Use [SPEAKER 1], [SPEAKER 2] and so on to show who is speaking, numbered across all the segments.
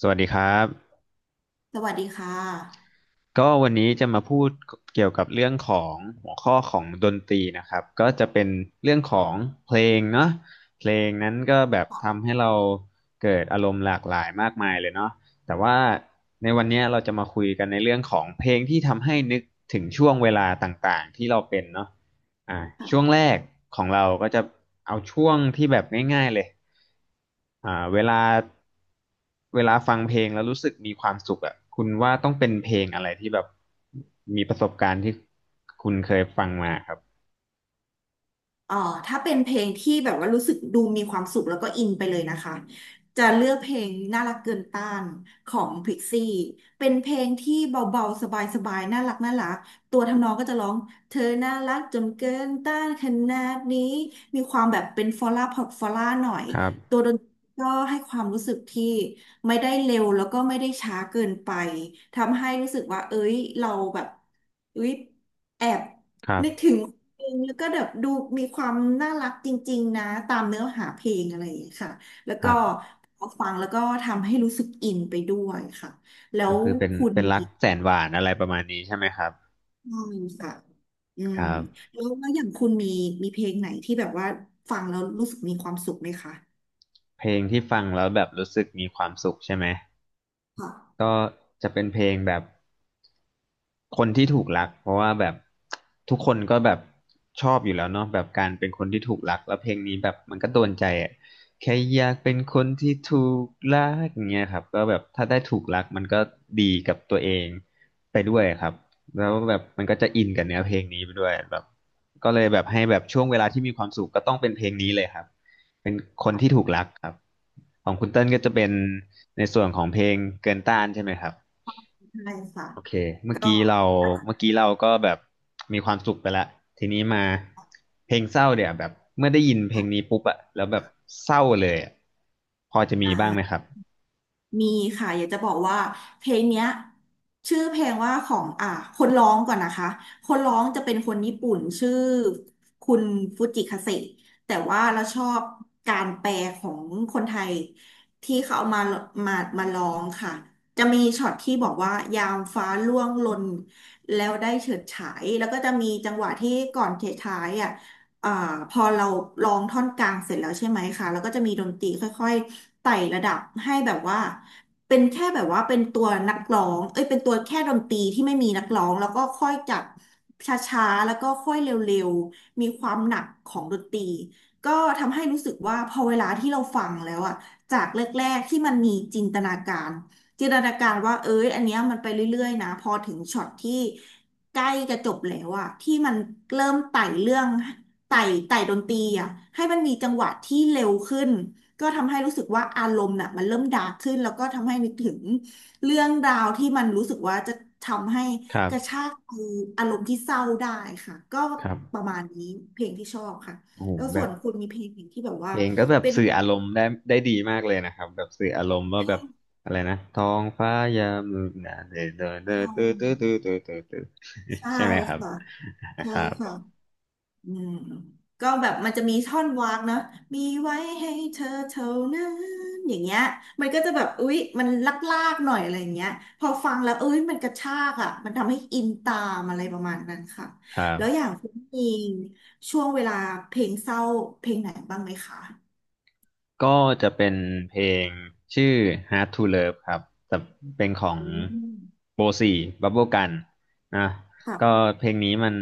[SPEAKER 1] สวัสดีครับ
[SPEAKER 2] สวัสดีค่ะ
[SPEAKER 1] ก็วันนี้จะมาพูดเกี่ยวกับเรื่องของหัวข้อของดนตรีนะครับก็จะเป็นเรื่องของเพลงเนาะเพลงนั้นก็แบบทำให้เราเกิดอารมณ์หลากหลายมากมายเลยเนาะแต่ว่าในวันเนี้ยเราจะมาคุยกันในเรื่องของเพลงที่ทำให้นึกถึงช่วงเวลาต่างๆที่เราเป็นเนาะ อ่าช่วง
[SPEAKER 2] ค่ะ
[SPEAKER 1] แรกของเราก็จะเอาช่วงที่แบบง่ายๆเลยอ่าเวลาเวลาฟังเพลงแล้วรู้สึกมีความสุขอ่ะคุณว่าต้องเป็นเพลงอะไรที่แบบมีประสบการณ์ที่คุณเคยฟังมาครับ
[SPEAKER 2] เอ่อถ้าเป็นเพลงที่แบบว่ารู้สึกดูมีความสุขแล้วก็อินไปเลยนะคะจะเลือกเพลงน่ารักเกินต้านของพิกซี่เป็นเพลงที่เบาๆสบายๆน่ารักน่ารักตัวทำนองก็จะร้องเธอน่ารักจนเกินต้านขนาดนี้มีความแบบเป็นฟอลล่าพอร์ตฟอลล่าหน่อย
[SPEAKER 1] ครั
[SPEAKER 2] ตั
[SPEAKER 1] บ
[SPEAKER 2] วดนตรีก็ให้ความรู้สึกที่ไม่ได้เร็วแล้วก็ไม่ได้ช้าเกินไปทำให้รู้สึกว่าเอ้ยเราแบบเอ้ยแอบ
[SPEAKER 1] ครั
[SPEAKER 2] นึกถึ
[SPEAKER 1] บ
[SPEAKER 2] งเพลงแล้วก็แบบดูมีความน่ารักจริงๆนะตามเนื้อหาเพลงอะไรอย่างเงี้ยค่ะแล้ว
[SPEAKER 1] ค
[SPEAKER 2] ก็
[SPEAKER 1] รับ
[SPEAKER 2] พอฟังแล้วก็ทำให้รู้สึกอินไปด้วยค่ะแล้
[SPEAKER 1] ก็
[SPEAKER 2] ว
[SPEAKER 1] คือเป็น
[SPEAKER 2] คุณ
[SPEAKER 1] เป็นรั
[SPEAKER 2] มี
[SPEAKER 1] กแสนหวานอะไรประมาณนี้ใช่ไหมครับ
[SPEAKER 2] ใช่ค่ะอื
[SPEAKER 1] ค
[SPEAKER 2] ม
[SPEAKER 1] รับ
[SPEAKER 2] แล้วอย่างคุณมีมีเพลงไหนที่แบบว่าฟังแล้วรู้สึกมีความสุขไหมคะ
[SPEAKER 1] เพลงที่ฟังแล้วแบบรู้สึกมีความสุขใช่ไหม
[SPEAKER 2] ค่ะ
[SPEAKER 1] ก็จะเป็นเพลงแบบ คนที่ถูกรักเพราะว่าแบบทุกคนก็แบบชอบอยู่แล้วเนาะแบบการเป็นคนที่ถูกรักแล้วเพลงนี้แบบมันก็โดนใจอ่ะแค่อยากเป็นคนที่ถูกรักอย่างเงี้ยครับก็แบบถ้าได้ถูกรักมันก็ดีกับตัวเองไปด้วยครับแล้วแบบมันก็จะอินกับเนื้อเพลงนี้ไปด้วยแบบก็เลยแบบให้แบบช่วงเวลาที่มีความสุขก็ต้องเป็นเพลงนี้เลยครับเป็นคนที่ถูกรักครับของคุณเติ้ลก็จะเป็นในส่วนของเพลงเกินต้านใช่ไหมครับ
[SPEAKER 2] ใช่ค่ะ
[SPEAKER 1] โอเคเมื่อ
[SPEAKER 2] ก็
[SPEAKER 1] กี้เราเมื่อกี้เราก็แบบมีความสุขไปแล้ว ทีนี้มาเพลงเศร้าเดี๋ยวแบบเมื่อได้ยินเพลง
[SPEAKER 2] ค่ะ
[SPEAKER 1] นี้ปุ๊บอะแล้วแบบเศร้าเลยอะพอจะ
[SPEAKER 2] อ
[SPEAKER 1] มีบ้างไหมค
[SPEAKER 2] ่า
[SPEAKER 1] รับ
[SPEAKER 2] มีค่ะอยากจะบอกว่าเพลงเนี้ยชื่อเพลงว่าของคนร้องก่อนนะคะคนร้องจะเป็นคนญี่ปุ่นชื่อคุณฟูจิคาเซะแต่ว่าเราชอบการแปลของคนไทยที่เขาเอามามามาร้องค่ะจะมีช็อตที่บอกว่ายามฟ้าร่วงหล่นแล้วได้เฉิดฉายแล้วก็จะมีจังหวะที่ก่อนเฉิดฉายอ่ะ อ่าพอเราร้องท่อนกลางเสร็จแล้วใช่ไหมคะแล้วก็จะมีดนตรีค่อยๆไต่ระดับให้แบบว่าเป็นแค่แบบว่าเป็นตัวนักร้องเอ้ยเป็นตัวแค่ดนตรีที่ไม่มีนักร้องแล้วก็ค่อยจากช้าๆแล้วก็ค่อยเร็วๆมีความหนักของดนตรีก็ทำให้รู้สึกว่าพอเวลาที่เราฟังแล้วอะจากแรกๆที่มันมีจินตนาการ จินตนาการว่าเอ้ยอันเนี้ยมันไปเรื่อยๆนะพอถึงช็อตที่ใกล้จะจบแล้วอะที่มันเริ่มไต่เรื่องไต่ไต่ดนตรีอะให้มันมีจังหวะที่เร็วขึ้นก็ทำให้รู้สึกว่าอารมณ์น่ะมันเริ่มดาร์กขึ้นแล้วก็ทำให้นึกถึงเรื่องราวที่มันรู้สึกว่าจะทำให้
[SPEAKER 1] ครั
[SPEAKER 2] กระชา
[SPEAKER 1] บ
[SPEAKER 2] กคืออารมณ์ที่เศร้าได้ค่ะก็
[SPEAKER 1] ครั
[SPEAKER 2] ประ
[SPEAKER 1] บ
[SPEAKER 2] มาณนี้เพลงที่ชอบค่ะ
[SPEAKER 1] โอ้โห
[SPEAKER 2] แล้ว
[SPEAKER 1] แบ
[SPEAKER 2] ส่ว
[SPEAKER 1] บ
[SPEAKER 2] นคุณมีเพลงไหนที่แบบว่า
[SPEAKER 1] เพลงก็แบบ
[SPEAKER 2] เป็น
[SPEAKER 1] สื่ออารมณ์ได้ดีมากเลยนะครับแบบสื่ออารมณ์ว่าแบบอะไรนะท้องฟ้ายามมืดหนาเดอเดอเดอ
[SPEAKER 2] ชอ
[SPEAKER 1] ตื้
[SPEAKER 2] บ
[SPEAKER 1] อตื้อตื้อตื้อตื้อตื้อ
[SPEAKER 2] ใช่
[SPEAKER 1] ใช่ไหมครับ
[SPEAKER 2] ค่ะใช่
[SPEAKER 1] ครั
[SPEAKER 2] ค่ะ
[SPEAKER 1] บ
[SPEAKER 2] อืมก็แบบมันจะมีท่อนวากเนาะมีไว้ให้เธอเท่านั้นอย่างเงี้ยมันก็จะแบบอุ๊ยมันลากๆหน่อยอะไรอย่างเงี้ยพอฟังแล้วเอ้ยมันกระชากอ่ะมันทำให้อินตามอะไรประมาณนั้นค่ะ
[SPEAKER 1] ครับ
[SPEAKER 2] แล้วอย่างคุณเองช่วงเวลาเพลงเศร้าเพลงไหนบ้างไหมคะ
[SPEAKER 1] ก็จะเป็นเพลงชื่อ Hard to Love ครับแต่เป็นของ
[SPEAKER 2] อืม
[SPEAKER 1] โบสี่บับเบิลกันนะก็
[SPEAKER 2] ค่ะ
[SPEAKER 1] เพลงนี้มัน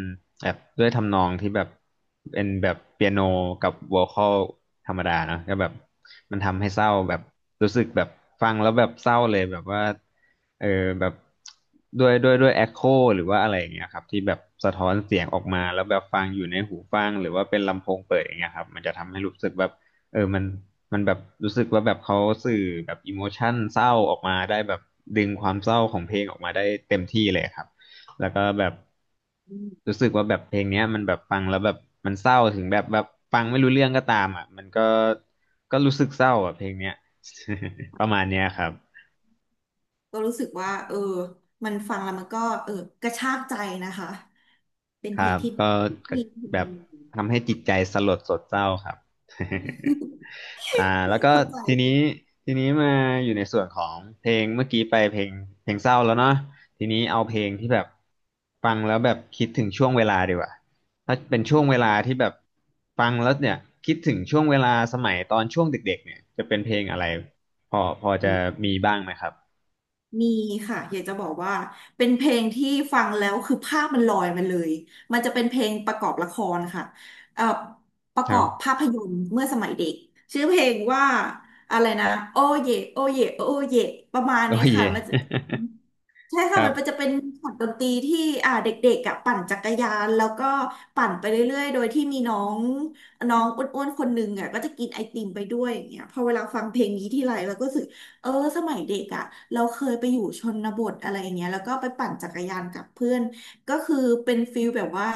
[SPEAKER 1] แบบด้วยทำนองที่แบบเป็นแบบเปียโนกับวอคอลธรรมดาเนอะก็แบบมันทำให้เศร้าแบบรู้สึกแบบฟังแล้วแบบเศร้าเลยแบบว่าเออแบบด้วยแอคโคหรือว่าอะไรอย่างเงี้ยครับที่แบบสะท้อนเสียงออกมาแล้วแบบฟังอยู่ในหูฟังหรือว่าเป็นลำโพงเปิดอย่างเงี้ยครับมันจะทำให้รู้สึกแบบเออมัน มันแบบรู้สึกว่าแบบเขาสื่อแบบอิโมชันเศร้าออกมาได้แบบดึงความเศร้าของเพลงออกมาได้เต็มที่เลยครับแล้วก็แบบ
[SPEAKER 2] อืม
[SPEAKER 1] รู้สึกว่าแบบเพลงเนี้ยมันแบบฟังแล้วแบบมันเศร้าถึงแบบฟังไม่รู้เรื่องก็ตามอ่ะมันก็รู้สึกเศร้าอ่ะเพลงเนี้ย ประมาณเนี้ยครับ
[SPEAKER 2] ก็รู้สึกว่าเออมันฟังแล้วมันก็เออกระชากใจนะคะเป็น
[SPEAKER 1] ค
[SPEAKER 2] เพล
[SPEAKER 1] รั
[SPEAKER 2] ง
[SPEAKER 1] บ
[SPEAKER 2] ที่
[SPEAKER 1] ก็
[SPEAKER 2] มี
[SPEAKER 1] แบบทำให้จิตใจ สลดสดเศร้าครับ อ่าแล้วก็
[SPEAKER 2] เข้าใจ
[SPEAKER 1] ทีนี้ทีนี้มาอยู่ในส่วนของเพลงเมื่อกี้ไปเพลงเศร้าแล้วเนาะทีนี้เอาเพลงที่แบบฟังแล้วแบบคิดถึงช่วงเวลาดีกว่าถ้าเป็นช่วงเวลาที่แบบฟังแล้วเนี่ยคิดถึงช่วงเวลาสมัยตอนช่วงเด็กๆเนี่ยจะเป็นเพลงอะไรพอ
[SPEAKER 2] อื
[SPEAKER 1] จะ
[SPEAKER 2] ม
[SPEAKER 1] มีบ้างไหมครับ
[SPEAKER 2] มีค่ะอยากจะบอกว่าเป็นเพลงที่ฟังแล้วคือภาพมันลอยมาเลยมันจะเป็นเพลงประกอบละครค่ะเอ่อประ
[SPEAKER 1] ค
[SPEAKER 2] ก
[SPEAKER 1] รั
[SPEAKER 2] อบภา
[SPEAKER 1] บ
[SPEAKER 2] พยนตร์เมื่อสมัยเด็กชื่อเพลงว่าอะไรนะโอเยโอเยโอเยประมาณ
[SPEAKER 1] โอ
[SPEAKER 2] เนี้ย
[SPEAKER 1] เค
[SPEAKER 2] ค่ะมันจะ ใช่
[SPEAKER 1] ค
[SPEAKER 2] ค่ะ
[SPEAKER 1] รั
[SPEAKER 2] มั
[SPEAKER 1] บ
[SPEAKER 2] นจะเป็นช็อตดนตรีที่เด็กๆอ่ะปั่นจักรยานแล้วก็ปั่นไปเรื่อยๆโดยที่มีน้องน้องอ้วนๆคนหนึ่งอ่ะก็จะกินไอติมไปด้วยอย่างเงี้ยพอเวลาฟังเพลงนี้ทีไรเราก็รู้สึกเออสมัยเด็กอ่ะเราเคยไปอยู่ชนบทอะไรอย่างเงี้ยแล้วก็ไปปั่นจักรยานกับเพื่อนก็คือเป็นฟิลแบบว่า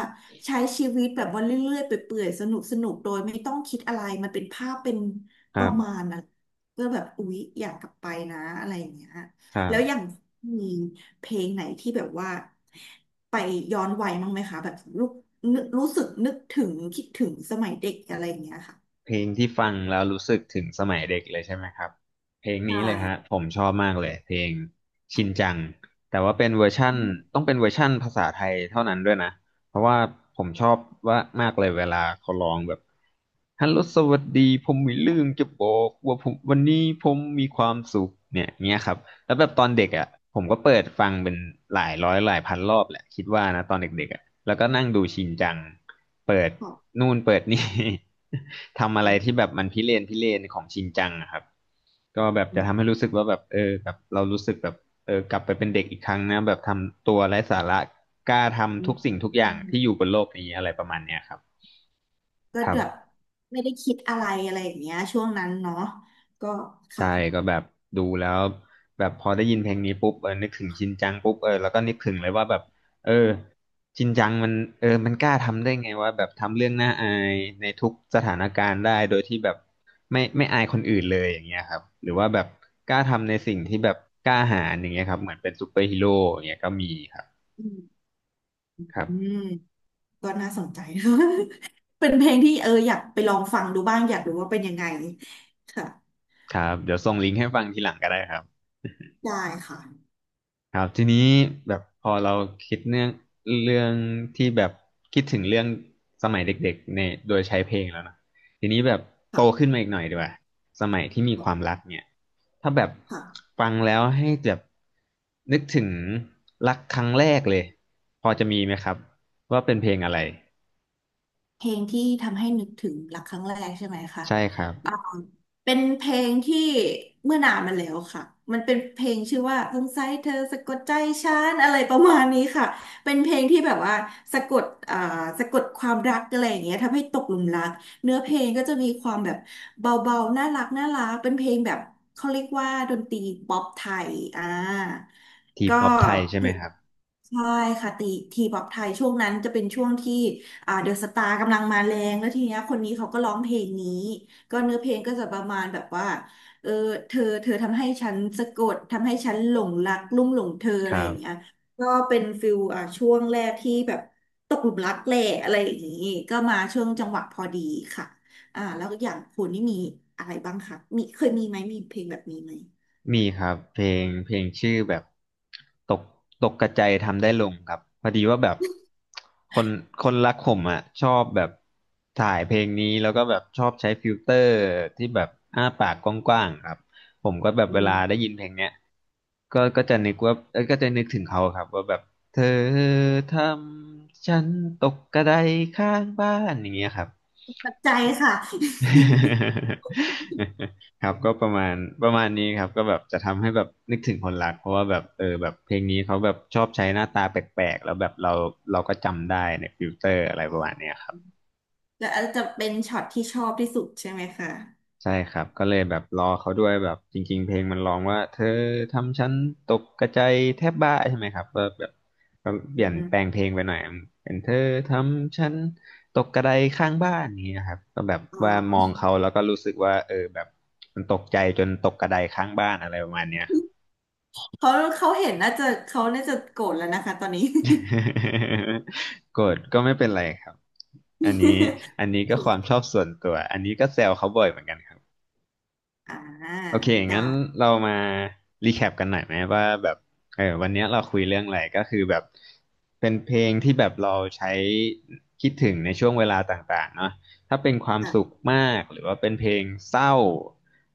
[SPEAKER 2] ใช้ชีวิตแบบว่าเรื่อยๆไปเปื่อยๆสนุกสนุกโดยไม่ต้องคิดอะไรมันเป็นภาพเป็น
[SPEAKER 1] ค
[SPEAKER 2] ป
[SPEAKER 1] รั
[SPEAKER 2] ระมา
[SPEAKER 1] บ
[SPEAKER 2] ณนะก็แบบอุ๊ยอยากกลับไปนะอะไรอย่างเงี้ย
[SPEAKER 1] ครั
[SPEAKER 2] แล้วอย่าง
[SPEAKER 1] บ
[SPEAKER 2] มีเพลงไหนที่แบบว่าไปย้อนวัยมั้างไหมคะแบบรู้นึกรู้สึกนึกถึงคิดถึงสมัยเด็กอะไรอย่างเงี้ยค่ะ
[SPEAKER 1] เพลงที่ฟังแล้วรู้สึกถึงสมัยเด็กเลยใช่ไหมครับเพลง
[SPEAKER 2] ใช่
[SPEAKER 1] นี้เลยฮะผมชอบมากเลยเพลงชินจังแต่ว่าเป็นเวอร์ชั่นต้องเป็นเวอร์ชั่นภาษาไทยเท่านั้นด้วยนะเพราะว่าผมชอบว่ามากเลยเวลาเขาร้องแบบฮัลโหลสวัสดีผมมีเรื่องจะบอกว่าผมวันนี้ผมมีความสุขเนี่ยเงี้ยครับแล้วแบบตอนเด็กอ่ะผมก็เปิดฟังเป็นหลายร้อยหลายพันรอบแหละคิดว่านะตอนเด็กๆอ่ะแล้วก็นั่งดูชินจัง เปิด
[SPEAKER 2] ขอบ
[SPEAKER 1] นู่นเปิดนี่ ทำอะ
[SPEAKER 2] คุ
[SPEAKER 1] ไรที่แบ
[SPEAKER 2] ณ
[SPEAKER 1] บมันพิเรนของชินจังอะครับก็แบบ
[SPEAKER 2] อื
[SPEAKER 1] จะทำให้
[SPEAKER 2] ม
[SPEAKER 1] รู้สึกว่าแบบเออแบบเรารู้สึกแบบเออกลับไปเป็นเด็กอีกครั้งนะแบบทำตัวไร้สาระกล้า
[SPEAKER 2] อื
[SPEAKER 1] ทำทุ
[SPEAKER 2] ม
[SPEAKER 1] กสิ่งทุกอย่า
[SPEAKER 2] อื
[SPEAKER 1] งที่อยู่
[SPEAKER 2] ม
[SPEAKER 1] บนโลกนี้อะไรประมาณเนี้ยครับ
[SPEAKER 2] ก็
[SPEAKER 1] ครั
[SPEAKER 2] แบบ
[SPEAKER 1] บ
[SPEAKER 2] ไม่ได้คิดอะไรอะไรอย่างเงี้ยช่วงนั้นเนาะก็
[SPEAKER 1] ใช่
[SPEAKER 2] ค่ะ
[SPEAKER 1] ก็แบบดูแล้วแบบพอได้ยินเพลงนี้ปุ๊บนึกถึงชินจังปุ๊บแล้วก็นึกถึงเลยว่าแบบเออชินจังมันมันกล้าทำได้ไงว่าแบบทำเรื่องน่าอายในทุกสถานการณ์ได้โดยที่แบบไม่อายคนอื่นเลยอย่างเงี้ยครับหรือว่าแบบกล้าทำในสิ่งที่แบบกล้าหาญอย่างเงี้ยครับเหมือนเป็นซูเปอร์ฮีโร่อย่างเงี้ยก็มีครับ
[SPEAKER 2] อืม
[SPEAKER 1] ครั
[SPEAKER 2] อืม
[SPEAKER 1] บ
[SPEAKER 2] ก็น่าสนใจ เป็นเพลงที่เอออยากไปลองฟังดูบ้างอยากรู้ว่าเป็นยังไงค่ะ
[SPEAKER 1] ครับเดี๋ยวส่งลิงก์ให้ฟังทีหลังก็ได้ครับ
[SPEAKER 2] ได้ค่ะ
[SPEAKER 1] ครับทีนี้แบบพอเราคิดเรื่องเรื่องที่แบบคิดถึงเรื่องสมัยเด็กๆเนี่ยโดยใช้เพลงแล้วนะทีนี้แบบโตขึ้น
[SPEAKER 2] ค่ะ
[SPEAKER 1] มาอีกหน่อยดีกว่าสมัยที่มีความรักเนี่ยถ้าแบบ
[SPEAKER 2] ค่ะ
[SPEAKER 1] ฟังแล้วให้แบบนึกถึงรักครั้งแรกเลยพอจะมีไหมครับว่าเป็นเพลงอะไร
[SPEAKER 2] เพลงที่ทำให้นึกถึงรักครั้งแรกใช่ไหมคะ
[SPEAKER 1] ใช่ครับ
[SPEAKER 2] เป็นเพลงที่เมื่อนานมาแล้วค่ะมันเป็นเพลงชื่อว่าสงสัยเธอสะกดใจฉันอะไรประมาณนี้ค่ะเป็นเพลงที่แบบว่าสะกดอ่าสะกดความรักอะไรอย่างเงี้ยทำให้ตกหลุมรักเนื้อเพลงก็จะมีความแบบเบาๆน่ารักน่ารักเป็นเพลงแบบเขาเรียกว่าดนตรีป๊อปไทย
[SPEAKER 1] ที
[SPEAKER 2] ก็
[SPEAKER 1] ป๊อปไทยใช่ไหมครับ
[SPEAKER 2] ใช่ค่ะตีทีป๊อปไทยช่วงนั้นจะเป็นช่วงที่เดอะสตาร์กำลังมาแรงแล้วทีเนี้ยคนนี้เขาก็ร้องเพลงนี้ ก็เนื้อเพลงก็จะประมาณแบบว่าเออเธอทำให้ฉันสะกดทำให้ฉันหลงรักลุ่มหลงเธอ
[SPEAKER 1] ค
[SPEAKER 2] อะไร
[SPEAKER 1] รั
[SPEAKER 2] อย่างเงี้ย
[SPEAKER 1] บ
[SPEAKER 2] ก็เป็นฟิลอ่ะช่วงแรกที่แบบตกหลุมรักแหละอะไรอย่างงี้ก็มาช่วงจังหวะพอดีค่ะอ่าแล้วก็อย่างคุณนี่มีอะไรบ้างคะมีเคยมีไหมมีเพลงแบบนี้ไหม
[SPEAKER 1] มีครับเพลงชื่อแบบตกกระจายทำได้ลงครับพอดีว่าแบบคนรักผมอ่ะชอบแบบถ่ายเพลงนี้แล้วก็แบบชอบใช้ฟิลเตอร์ที่แบบอ้าปากกว้างๆครับผมก็แบบ
[SPEAKER 2] อื
[SPEAKER 1] เวลาได้
[SPEAKER 2] ม
[SPEAKER 1] ยินเพลงเนี้ยก็จะนึกว่าเอ้ยก็จะนึกถึงเขาครับว่าแบบเธอทำฉันตกกระไดข้างบ้านอย่างเงี้ยครับ
[SPEAKER 2] ปัจจัยค่ะ
[SPEAKER 1] ครับก็ประมาณนี้ครับก็แบบจะทำให้แบบนึกถึงคนรักเพราะว่าแบบแบบเพลงนี้เขาแบบชอบใช้หน้าตาแปลกๆแล้วแบบเราก็จำได้ในฟิลเตอร์อะไรป
[SPEAKER 2] อ๋อ
[SPEAKER 1] ระมาณเนี้ยครับ
[SPEAKER 2] แล้วอาจจะเป็นช็อตที่ชอบที่สุดใช่ไหมคะ
[SPEAKER 1] ใช่ครับก็เลยแบบรอเขาด้วยแบบจริงๆเพลงมันร้องว่าเธอทำฉันตกกระจายแทบบ้าใช่ไหมครับก็แบบก็เป
[SPEAKER 2] อื
[SPEAKER 1] ลี่ยนแปลง
[SPEAKER 2] ม
[SPEAKER 1] เพลงไปหน่อยเป็นเธอทำฉันตกกระไดข้างบ้านนี้ยครับก็แบบ
[SPEAKER 2] อ๋
[SPEAKER 1] ว่าม
[SPEAKER 2] อ
[SPEAKER 1] องเขาแล้วก็รู้สึกว่าแบบมันตกใจจนตกกระไดข้างบ้านอะไรประมาณเนี้ยครับ
[SPEAKER 2] เขาเขาเห็นน่าจะเขาน่าจะโกรธแล้วนะคะตอนนี้
[SPEAKER 1] โกรธก็ไม่เป็นไรครับอันนี้ก็ความ ชอบส่วนตัวอันนี้ก็แซวเขาบ่อยเหมือนกันครับ
[SPEAKER 2] อ่า
[SPEAKER 1] โอเค
[SPEAKER 2] จ้า
[SPEAKER 1] งั้นเรามารีแคปกันหน่อยไหมว่าแบบวันเนี้ยเราคุยเรื่องอะไรก็คือแบบเป็นเพลงที่แบบเราใช้คิดถึงในช่วงเวลาต่างๆเนาะถ้าเป็นความ
[SPEAKER 2] ค่ะ
[SPEAKER 1] สุขมากหรือว่าเป็นเพลงเศร้า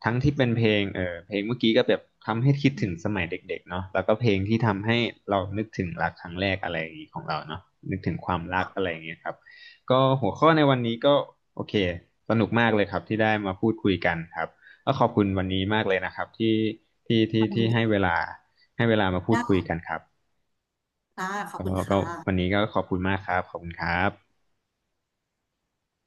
[SPEAKER 1] ทั้งที่เป็นเพลงเพลงเมื่อกี้ก็แบบทำให้คิดถึงสมัยเด็กๆเนาะแล้วก็เพลงที่ทำให้เรานึกถึงรักครั้งแรกอะไรอย่างงี้ของเราเนาะนึกถึงความรักอะ
[SPEAKER 2] อ่ะ
[SPEAKER 1] ไรอย่างเงี้ยครับก็หัวข้อในวันนี้ก็โอเคสนุกมากเลยครับที่ได้มาพูดคุยกันครับ ก็ขอบคุณวันนี้มากเลยนะครับที่ที่ที่
[SPEAKER 2] ท
[SPEAKER 1] ที่ให้เวลามา
[SPEAKER 2] ำ
[SPEAKER 1] พูด
[SPEAKER 2] ได้
[SPEAKER 1] คุยกันครับ
[SPEAKER 2] ค่ะขอบคุณ
[SPEAKER 1] ก็
[SPEAKER 2] ค
[SPEAKER 1] ก็วัน
[SPEAKER 2] ่ะ
[SPEAKER 1] นี้ก็ขอบคุณมากครับขอบคุณครับ